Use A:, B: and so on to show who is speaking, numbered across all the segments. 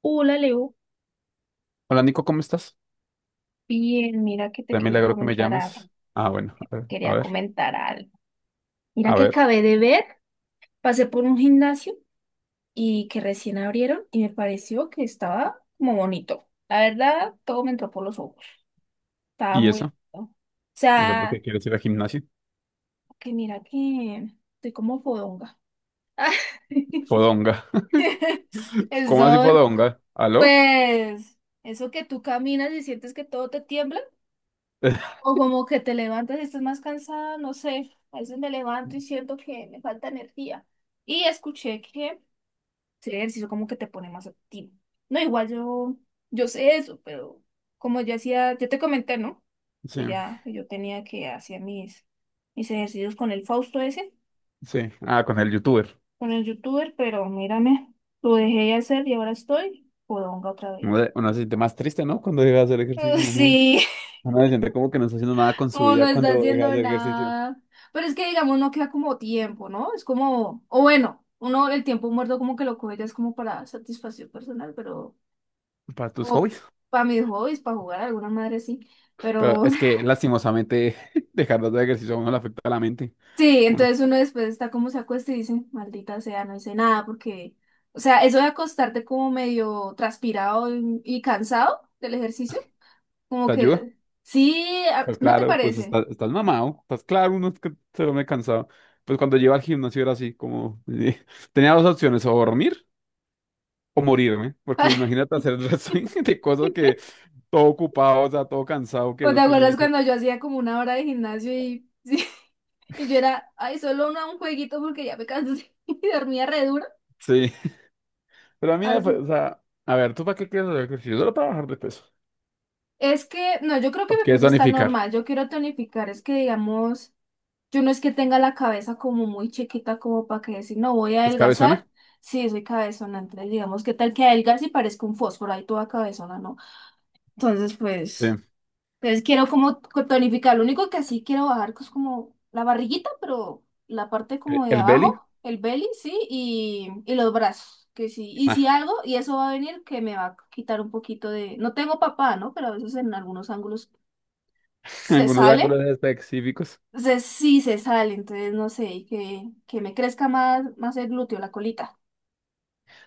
A: Hola, Leo.
B: Hola Nico, ¿cómo estás?
A: Bien, mira que te
B: De
A: quería
B: milagro que me
A: comentar algo,
B: llamas. Ah, bueno, a ver, a
A: quería
B: ver,
A: comentar algo. Mira
B: a
A: que
B: ver.
A: acabé de ver, pasé por un gimnasio y que recién abrieron y me pareció que estaba como bonito. La verdad, todo me entró por los ojos, estaba
B: ¿Y
A: muy
B: eso?
A: lindo. O
B: ¿Y eso por qué
A: sea,
B: quieres ir al gimnasio?
A: que mira que estoy como fodonga.
B: Podonga. ¿Cómo así
A: Eso,
B: podonga? ¿Aló?
A: pues, eso que tú caminas y sientes que todo te tiembla. O como que te levantas y estás más cansada, no sé. A veces me levanto y siento que me falta energía. Y escuché que el ejercicio como que te pone más activo. No, igual yo sé eso, pero como ya hacía, yo te comenté, ¿no?
B: Sí,
A: Que ya yo tenía que hacer mis ejercicios con el Fausto ese,
B: sí. Ah, con el youtuber.
A: con el youtuber, pero mírame, lo dejé de hacer y ahora estoy podonga otra
B: Uno
A: vez.
B: de- uno se siente más triste, ¿no? Cuando deja de hacer ejercicio, mamá.
A: Sí.
B: Uno se siente como que no está haciendo nada con su
A: O no
B: vida
A: está
B: cuando deja de
A: haciendo
B: hacer ejercicio.
A: nada. Pero es que, digamos, no queda como tiempo, ¿no? Es como, o bueno, uno el tiempo muerto como que lo coge ya es como para satisfacción personal, pero
B: Para tus
A: como
B: hobbies.
A: para mis hobbies, para jugar, alguna madre sí.
B: Pero
A: Pero
B: es que lastimosamente dejar de hacer ejercicio a uno le afecta a la mente.
A: sí,
B: Uno
A: entonces uno después está como se acuesta y dice, maldita sea, no hice nada porque, o sea, eso de acostarte como medio transpirado y cansado del ejercicio, como
B: te ayuda.
A: que, sí, a-
B: Pues
A: ¿no te
B: claro, pues
A: parece?
B: estás mamado, estás claro, uno es que se duerme cansado. Pues cuando llego al gimnasio era así, como tenía dos opciones, o dormir o morirme, porque imagínate hacer el resto de cosas que todo ocupado, o sea, todo cansado, que es
A: ¿O te
B: lo que uno
A: acuerdas
B: dice.
A: cuando yo hacía como una hora de gimnasio y, sí, y yo era, ay, solo un jueguito porque ya me cansé y dormía re duro?
B: Sí, pero a mí,
A: Así.
B: o sea, a ver, ¿tú para qué quieres hacer ejercicio? Solo para bajar de peso.
A: Es que, no, yo creo
B: ¿O
A: que mi
B: quieres
A: peso está
B: tonificar?
A: normal. Yo quiero tonificar, es que digamos, yo no es que tenga la cabeza como muy chiquita como para que decir, no, voy a
B: ¿Pues cabezona?
A: adelgazar. Sí, soy cabezona, entonces digamos, ¿qué tal que adelgace y parezca un fósforo? Ahí toda cabezona, ¿no? Entonces,
B: Sí.
A: pues. Entonces quiero como co- tonificar. Lo único que sí quiero bajar es como la barriguita, pero la parte como de
B: El belly?
A: abajo, el belly, sí, y los brazos, que sí. Y
B: Ah,
A: si algo, y eso va a venir, que me va a quitar un poquito de... No tengo papá, ¿no? Pero a veces en algunos ángulos se
B: algunos
A: sale.
B: ángulos específicos.
A: Entonces sí se sale, entonces no sé, que, me crezca más, más el glúteo, la colita.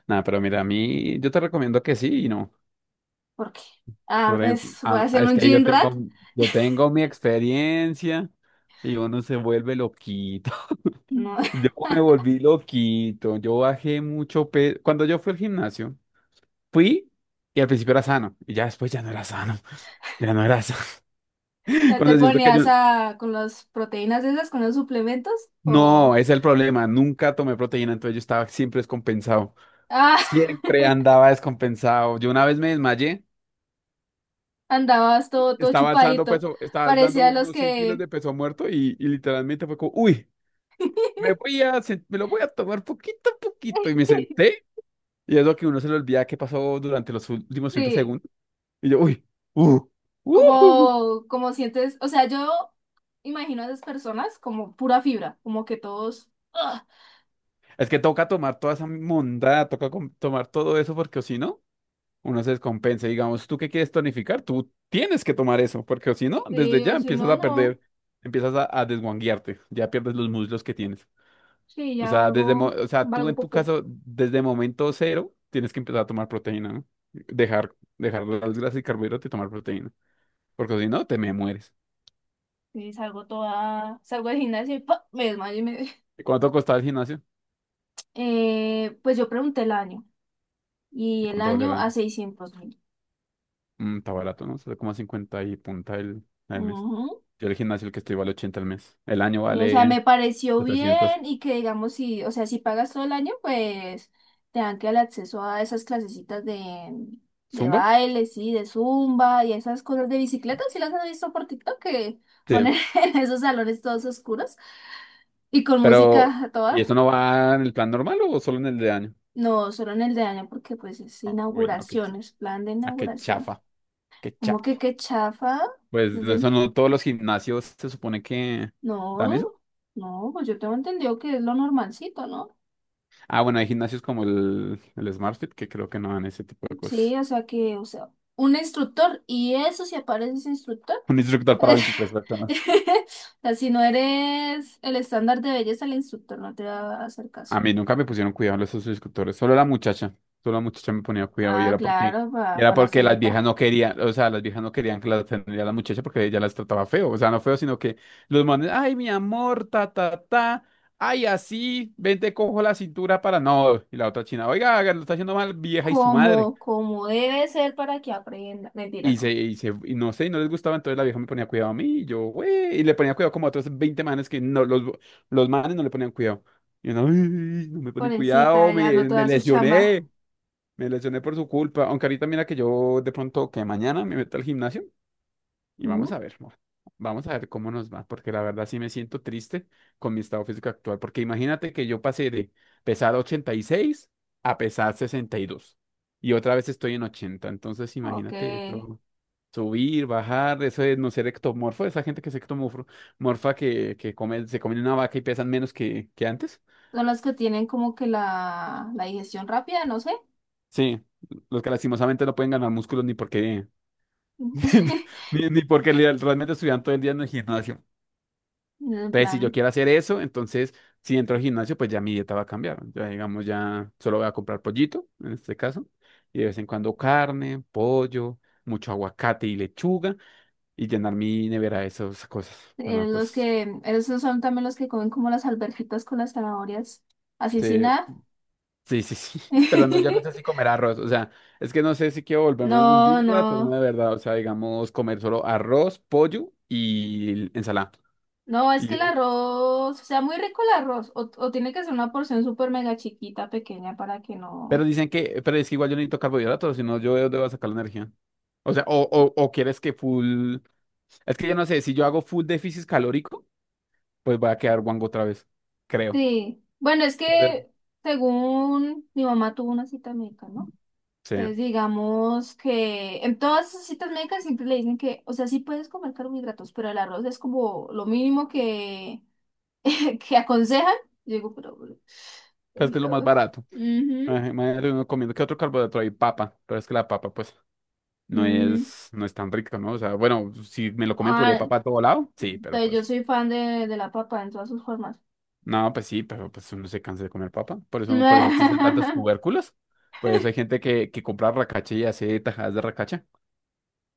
B: Nada, pero mira, a mí yo te recomiendo que sí y no.
A: Porque, ah,
B: Por ejemplo,
A: es, voy a
B: ah,
A: hacer
B: es
A: un
B: que yo
A: gym rat.
B: tengo, yo tengo mi experiencia y uno se vuelve loquito.
A: No,
B: Yo me volví loquito, yo bajé mucho peso. Cuando yo fui al gimnasio, fui y al principio era sano y ya después ya no era sano, ya no era sano.
A: ya
B: Con
A: te
B: decirte que
A: ponías
B: yo,
A: a, con las proteínas esas, con los suplementos,
B: no,
A: o...
B: ese es el problema, nunca tomé proteína, entonces yo estaba siempre descompensado, siempre andaba descompensado. Yo una vez me desmayé,
A: Andabas todo, todo
B: estaba alzando
A: chupadito.
B: peso, estaba alzando
A: Parecía los
B: unos 100 kilos
A: que...
B: de peso muerto y literalmente fue como, uy. Me lo voy a tomar poquito a poquito. Y me senté. Y es lo que uno se le olvida que pasó durante los últimos 30
A: Sí,
B: segundos. Y yo, uy, uh, uh".
A: como, como sientes, o sea, yo imagino a esas personas como pura fibra, como que todos, ¡ah!
B: Es que toca tomar toda esa mondada, toca tomar todo eso porque o si no, uno se descompensa. Digamos, tú que quieres tonificar, tú tienes que tomar eso porque o si no, desde
A: Sí,
B: ya
A: o si
B: empiezas
A: no,
B: a
A: no,
B: perder, empiezas a desguanguearte, ya pierdes los muslos que tienes.
A: sí,
B: O
A: ya
B: sea, desde, mo-
A: algo,
B: o sea, tú
A: algo
B: en tu
A: popó,
B: caso, desde momento cero, tienes que empezar a tomar proteína, ¿no? Dejar las grasas y carbohidratos y tomar proteína. Porque si no, te me mueres.
A: sí, salgo del gimnasio y ¡pa! Me desmayo y me...
B: ¿Y cuánto costaba el gimnasio?
A: Pues yo pregunté el año, y
B: ¿Y
A: el
B: cuánto vale el
A: año a
B: año?
A: 600.000.
B: Mm, está barato, ¿no? Sale como a 50 y punta el, al mes. Yo el gimnasio el que estoy vale 80 al mes. El año
A: Y, o sea, me
B: vale
A: pareció bien
B: 700.
A: y que digamos, si, o sea, si pagas todo el año, pues te dan que el acceso a esas clasecitas de
B: ¿Zumba?
A: baile, sí, de zumba y esas cosas de bicicleta, si las has visto por TikTok, que
B: Sí.
A: ponen en esos salones todos oscuros y con
B: Pero,
A: música a
B: ¿y eso
A: toda.
B: no va en el plan normal o solo en el de año?
A: No, solo en el de año porque pues es
B: Ah, uy, no, qué, ch-
A: inauguración, es plan de
B: ah, qué
A: inauguración.
B: chafa. Qué
A: ¿Cómo
B: chafa.
A: que qué chafa?
B: Pues
A: Es
B: no,
A: de-
B: eso no todos los gimnasios se supone que
A: No,
B: dan eso.
A: no, pues yo tengo entendido que es lo normalcito, ¿no?
B: Ah, bueno, hay gimnasios como el SmartFit que creo que no dan ese tipo de
A: Sí,
B: cosas.
A: o sea que, o sea, un instructor, y eso si apareces instructor.
B: Un instructor para 23 personas.
A: O sea, si no eres el estándar de belleza, el instructor no te va a hacer
B: A
A: caso.
B: mí nunca me pusieron cuidado los esos instructores, solo la muchacha. Solo la muchacha me ponía cuidado y
A: Ah,
B: era porque,
A: claro,
B: y era
A: para la
B: porque las viejas
A: cenita.
B: no querían, o sea, las viejas no querían que la atendiera la muchacha porque ella las trataba feo. O sea, no feo, sino que los manes, ay, mi amor, ta, ta, ta. Ay, así, ven, te cojo la cintura para no. Y la otra china, oiga, lo está haciendo mal, vieja y su madre.
A: Como, como debe ser para que aprenda. Mentira,
B: Y se,
A: no.
B: y se, y no sé, y no les gustaba, entonces la vieja me ponía cuidado a mí, y yo, güey, y le ponía cuidado como a otros 20 manes que no, los manes no le ponían cuidado. Y uno, "Ay, no me ponen
A: Pobrecita,
B: cuidado,
A: ya no
B: me, me
A: toda su chamba.
B: lesioné, me lesioné por su culpa. Aunque ahorita mira que yo de pronto, que mañana me meto al gimnasio y
A: ¿Mm?
B: vamos a ver cómo nos va, porque la verdad sí me siento triste con mi estado físico actual, porque imagínate que yo pasé de pesar 86 a pesar 62 y otra vez estoy en 80 entonces
A: Ok.
B: imagínate eso. Subir, bajar, eso es no ser ectomorfo, esa gente que es ectomorfo morfa que come, se comen una vaca y pesan menos que antes.
A: Son las que tienen como que la digestión rápida, no sé.
B: Sí, los que lastimosamente no pueden ganar músculos ni porque, ni, ni porque li- realmente estuvieran todo el día en el gimnasio.
A: En
B: Entonces, si yo
A: plan.
B: quiero hacer eso, entonces si entro al gimnasio, pues ya mi dieta va a cambiar. Ya, digamos, ya solo voy a comprar pollito, en este caso, y de vez en cuando carne, pollo, mucho aguacate y lechuga, y llenar mi nevera de esas cosas. Bueno,
A: Los
B: pues.
A: que, esos son también los que comen como las alberjitas con las zanahorias. Así
B: Sí,
A: sin nada.
B: sí, sí, sí, pero no, yo no sé si comer arroz, o sea, es que no sé si quiero volverme un
A: No,
B: gym rat o no
A: no.
B: de verdad, o sea, digamos, comer solo arroz, pollo y ensalada.
A: No, es
B: Y
A: que el
B: de-
A: arroz, o sea, muy rico el arroz. O tiene que ser una porción súper mega chiquita, pequeña, para que
B: Pero
A: no.
B: dicen que, pero es que igual yo necesito carbohidratos, si no yo debo sacar la energía. O sea, o quieres que full, es que yo no sé, si yo hago full déficit calórico, pues voy a quedar guango otra vez, creo.
A: Sí. Bueno, es
B: Creo.
A: que según mi mamá tuvo una cita médica, ¿no?
B: Sí, pero
A: Entonces, digamos que en todas esas citas médicas siempre le dicen que, o sea, sí puedes comer carbohidratos, pero el arroz es como lo mínimo que que aconsejan. Yo digo, pero,
B: es que es lo más barato.
A: Ujú,
B: Imagínate uno comiendo, ¿qué otro carbohidrato hay? Papa, pero es que la papa, pues. no
A: mm.
B: es, no es tan rico, ¿no? O sea, bueno, si me lo come puré de
A: Ah,
B: papa a todo lado, sí, pero
A: entonces yo
B: pues,
A: soy fan de, la papa en todas sus formas.
B: no, pues sí, pero pues uno se cansa de comer papa. Por eso existen tantos tubérculos. Por eso hay gente que compra racacha y hace tajadas de racacha.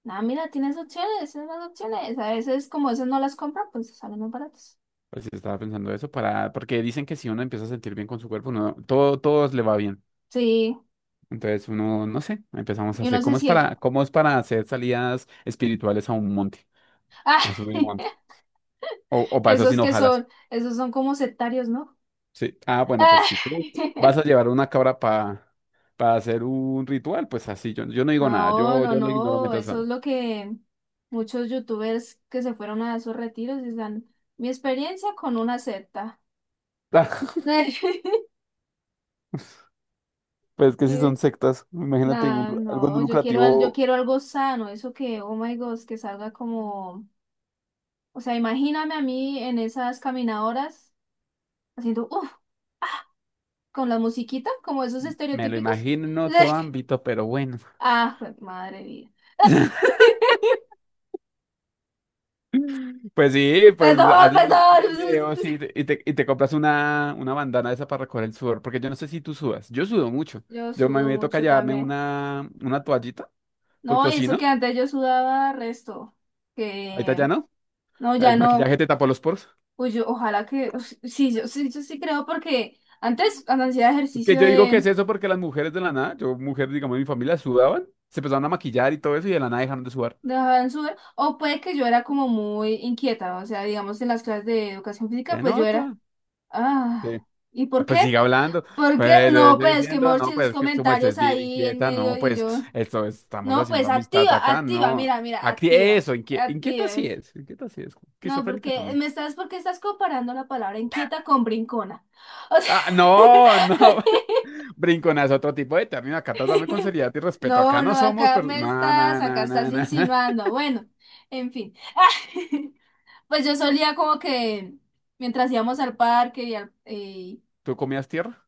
A: Ah, mira, tienes opciones, tienes más opciones. A veces como esas no las compran, pues salen más baratas.
B: Pues sí, estaba pensando eso para, porque dicen que si uno empieza a sentir bien con su cuerpo, uno, todo, todo le va bien.
A: Sí,
B: Entonces uno, no sé, empezamos a
A: y
B: hacer,
A: uno se
B: ¿cómo es
A: siente.
B: para, cómo es para hacer salidas espirituales a un monte?
A: Ah,
B: A subir un monte. O para eso
A: esos
B: sin
A: que
B: hojalas.
A: son, esos son como sectarios, ¿no?
B: Sí. Ah, bueno, pues
A: Ah,
B: si tú vas a llevar una cabra para hacer un ritual, pues así, yo no digo nada,
A: No,
B: yo,
A: no,
B: yo lo ignoro
A: no,
B: mientras
A: eso es
B: tanto.
A: lo que muchos youtubers que se fueron a esos retiros dicen, mi experiencia con una secta.
B: Pues que si son
A: Y,
B: sectas, imagínate
A: nah,
B: algo no
A: no, yo quiero, yo
B: lucrativo.
A: quiero algo sano, eso que, oh my God, que salga como, o sea, imagíname a mí en esas caminadoras haciendo, uff, con la musiquita, como esos
B: Me lo
A: estereotípicos.
B: imagino en otro ámbito, pero bueno.
A: Ah, madre mía.
B: Pues sí, pues
A: Perdón,
B: haces
A: perdón.
B: esos videos y te compras una bandana de esa para recoger el sudor, porque yo no sé si tú sudas, yo sudo mucho.
A: Yo
B: Yo a mí
A: sudo
B: me toca
A: mucho
B: llevarme
A: también.
B: una toallita,
A: No,
B: porque
A: y
B: si
A: eso
B: no,
A: que antes yo sudaba resto,
B: ahorita
A: que
B: ya no,
A: no, ya
B: el
A: no.
B: maquillaje te tapó los poros.
A: Pues yo, ojalá que, ush, sí, yo sí, yo sí creo porque antes cuando hacía
B: Que
A: ejercicio
B: yo digo que es
A: en
B: eso porque las mujeres de la nada, yo, mujer digamos, de mi familia sudaban, se empezaron a maquillar y todo eso y de la nada dejaron de sudar.
A: dejaban sudar, o puede que yo era como muy inquieta, o sea, digamos en las clases de educación física,
B: Se
A: pues yo era,
B: nota. Sí.
A: ah, ¿y
B: Ah,
A: por
B: pues sigue
A: qué?
B: hablando.
A: ¿Por qué?
B: Pues yo
A: No,
B: estoy
A: pues es que
B: diciendo,
A: Morchi,
B: no,
A: esos
B: pues que su merced es
A: comentarios
B: bien
A: ahí en
B: inquieta,
A: medio
B: no,
A: y
B: pues
A: yo,
B: estamos
A: no,
B: haciendo
A: pues
B: amistad
A: activa,
B: acá,
A: activa,
B: no.
A: mira, mira,
B: Aquí,
A: activa,
B: eso, inquieta,
A: activa.
B: inquieta sí es,
A: No,
B: esquizofrénica
A: porque
B: también.
A: me estás, porque estás comparando la palabra inquieta con brincona. O sea,
B: Ah, no, no, brinconazo, otro tipo de término, acá trátame con seriedad y respeto,
A: no,
B: acá
A: no,
B: no somos, pero, no, no,
A: acá
B: no,
A: estás
B: no, no.
A: insinuando. Bueno, en fin. Pues yo solía como que mientras íbamos al parque y,
B: ¿Tú comías tierra?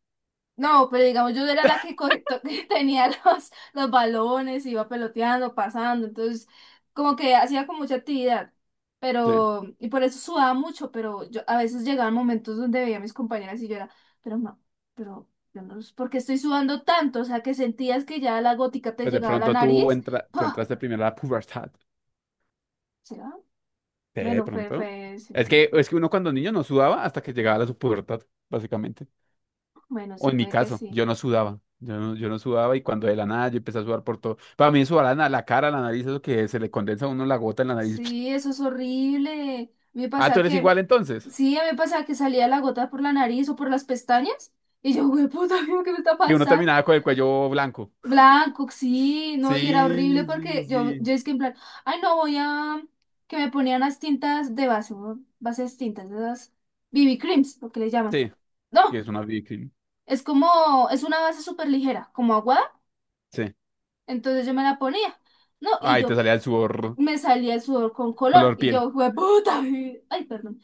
A: No, pero digamos, yo era la que, que tenía los balones, iba peloteando, pasando, entonces como que hacía con mucha actividad,
B: Sí.
A: pero, y por eso sudaba mucho, pero yo a veces llegaban momentos donde veía a mis compañeras y yo era, pero no, pero yo no, ¿por qué estoy sudando tanto? O sea, que sentías que ya la gótica te
B: Pues de
A: llegaba a la
B: pronto tú,
A: nariz,
B: entra, tú
A: ¡pah!
B: entraste primero a la pubertad.
A: ¿Será?
B: Sí, de
A: Bueno, fue,
B: pronto.
A: fue, sí,
B: Es
A: sí,
B: que, es que uno cuando niño no sudaba hasta que llegaba a la su pubertad, básicamente.
A: bueno,
B: O
A: sí
B: en mi
A: puede que
B: caso,
A: sí.
B: yo no sudaba. Yo no sudaba y cuando de la nada yo empecé a sudar por todo. Para mí sudar la cara, la nariz, eso que se le condensa a uno la gota en la nariz.
A: Sí, eso es horrible. Me
B: Ah,
A: pasa
B: tú eres
A: que,
B: igual entonces.
A: sí, a mí me pasa que salía la gota por la nariz o por las pestañas. Y yo, güey, puta, ¿qué me está
B: Que uno
A: pasando?
B: terminaba con el cuello blanco.
A: Blanco, sí, no, y era horrible
B: Sí, sí,
A: porque yo,
B: sí.
A: es que en plan, ay, no, voy a, que me ponían las tintas de base, ¿no? Bases tintas, esas BB creams, lo que le llaman.
B: Sí, y
A: No,
B: es una víctima.
A: es como, es una base súper ligera, como aguada,
B: Sí.
A: entonces yo me la ponía, no, y
B: Ay, te
A: yo
B: salía el sudor
A: me salía el sudor con color,
B: color
A: y
B: piel.
A: yo, güey, puta, ay, perdón.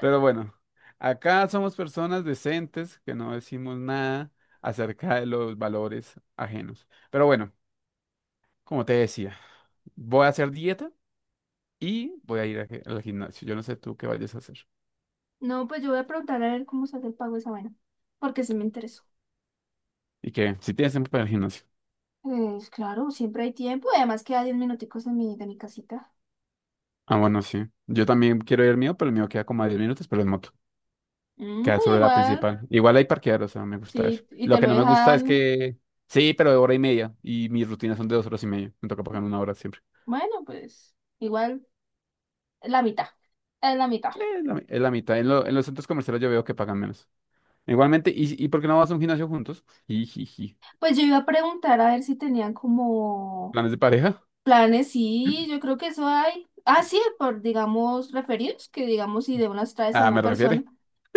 B: Pero bueno, acá somos personas decentes que no decimos nada acerca de los valores ajenos. Pero bueno, como te decía, voy a hacer dieta y voy a ir al gimnasio. Yo no sé tú qué vayas a hacer.
A: No, pues yo voy a preguntar a ver cómo sale el pago de esa vaina, porque sí me interesó.
B: ¿Y qué? Si tienes tiempo para el gimnasio.
A: Pues claro, siempre hay tiempo y además queda diez minuticos de mi, casita.
B: Ah, bueno, sí. Yo también quiero ir al mío, pero el mío queda como a 10 minutos, pero en moto.
A: Mm,
B: Queda
A: pues
B: sobre la
A: igual,
B: principal. Igual hay parquear, o sea, me gusta eso.
A: sí, y
B: Lo
A: te
B: que
A: lo
B: no me gusta es
A: dejan,
B: que... Sí, pero de hora y media. Y mis rutinas son de 2 horas y media. Me toca pagar una hora siempre.
A: bueno, pues igual la mitad, es la mitad.
B: Es la mitad. En los centros comerciales yo veo que pagan menos. Igualmente, ¿y por qué no vas a un gimnasio juntos? Jijiji.
A: Pues yo iba a preguntar a ver si tenían como
B: ¿Planes de pareja?
A: planes, sí, yo creo que eso hay. Ah, sí, por, digamos, referidos, que digamos si de unas traes a
B: Ah, me
A: una persona,
B: refiere.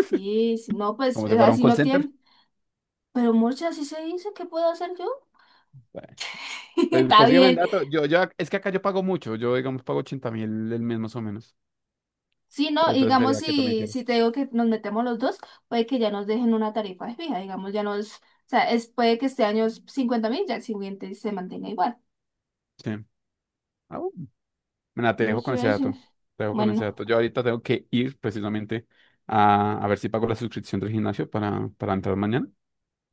A: sí, si no, pues
B: Como si fuera un
A: así
B: call
A: lo
B: center.
A: tienen. Pero muchas así se dice, ¿qué puedo hacer yo?
B: Bueno, pues
A: Está
B: consígueme el
A: bien.
B: dato. Es que acá yo pago mucho. Yo, digamos, pago 80.000 el mes más o menos.
A: Sí, no,
B: Entonces
A: digamos,
B: sería que tú me
A: si,
B: quieras.
A: si te digo que nos metemos los dos, puede que ya nos dejen una tarifa fija, digamos, ya nos, o sea, es, puede que este año es 50.000, ya el siguiente se mantenga igual.
B: Sí. Ah, bueno. Mira, te
A: Sí,
B: dejo con ese
A: sí, sí.
B: dato. Te dejo con ese
A: Bueno,
B: dato. Yo ahorita tengo que ir precisamente a ver si pago la suscripción del gimnasio para entrar mañana.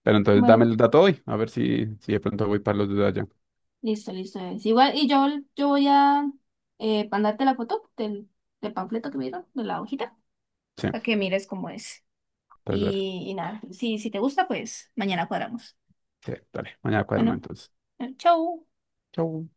B: Pero entonces dame
A: bueno,
B: el dato hoy. A ver si de pronto voy para los de allá.
A: listo, listo. Es igual, y yo voy a mandarte la foto del, panfleto que me dieron, de la hojita,
B: Sí.
A: para que mires cómo es.
B: Entonces, dale.
A: Y nada, si, te gusta, pues mañana cuadramos.
B: Sí, dale, mañana cuadramos
A: Bueno,
B: entonces.
A: chau.
B: Chau.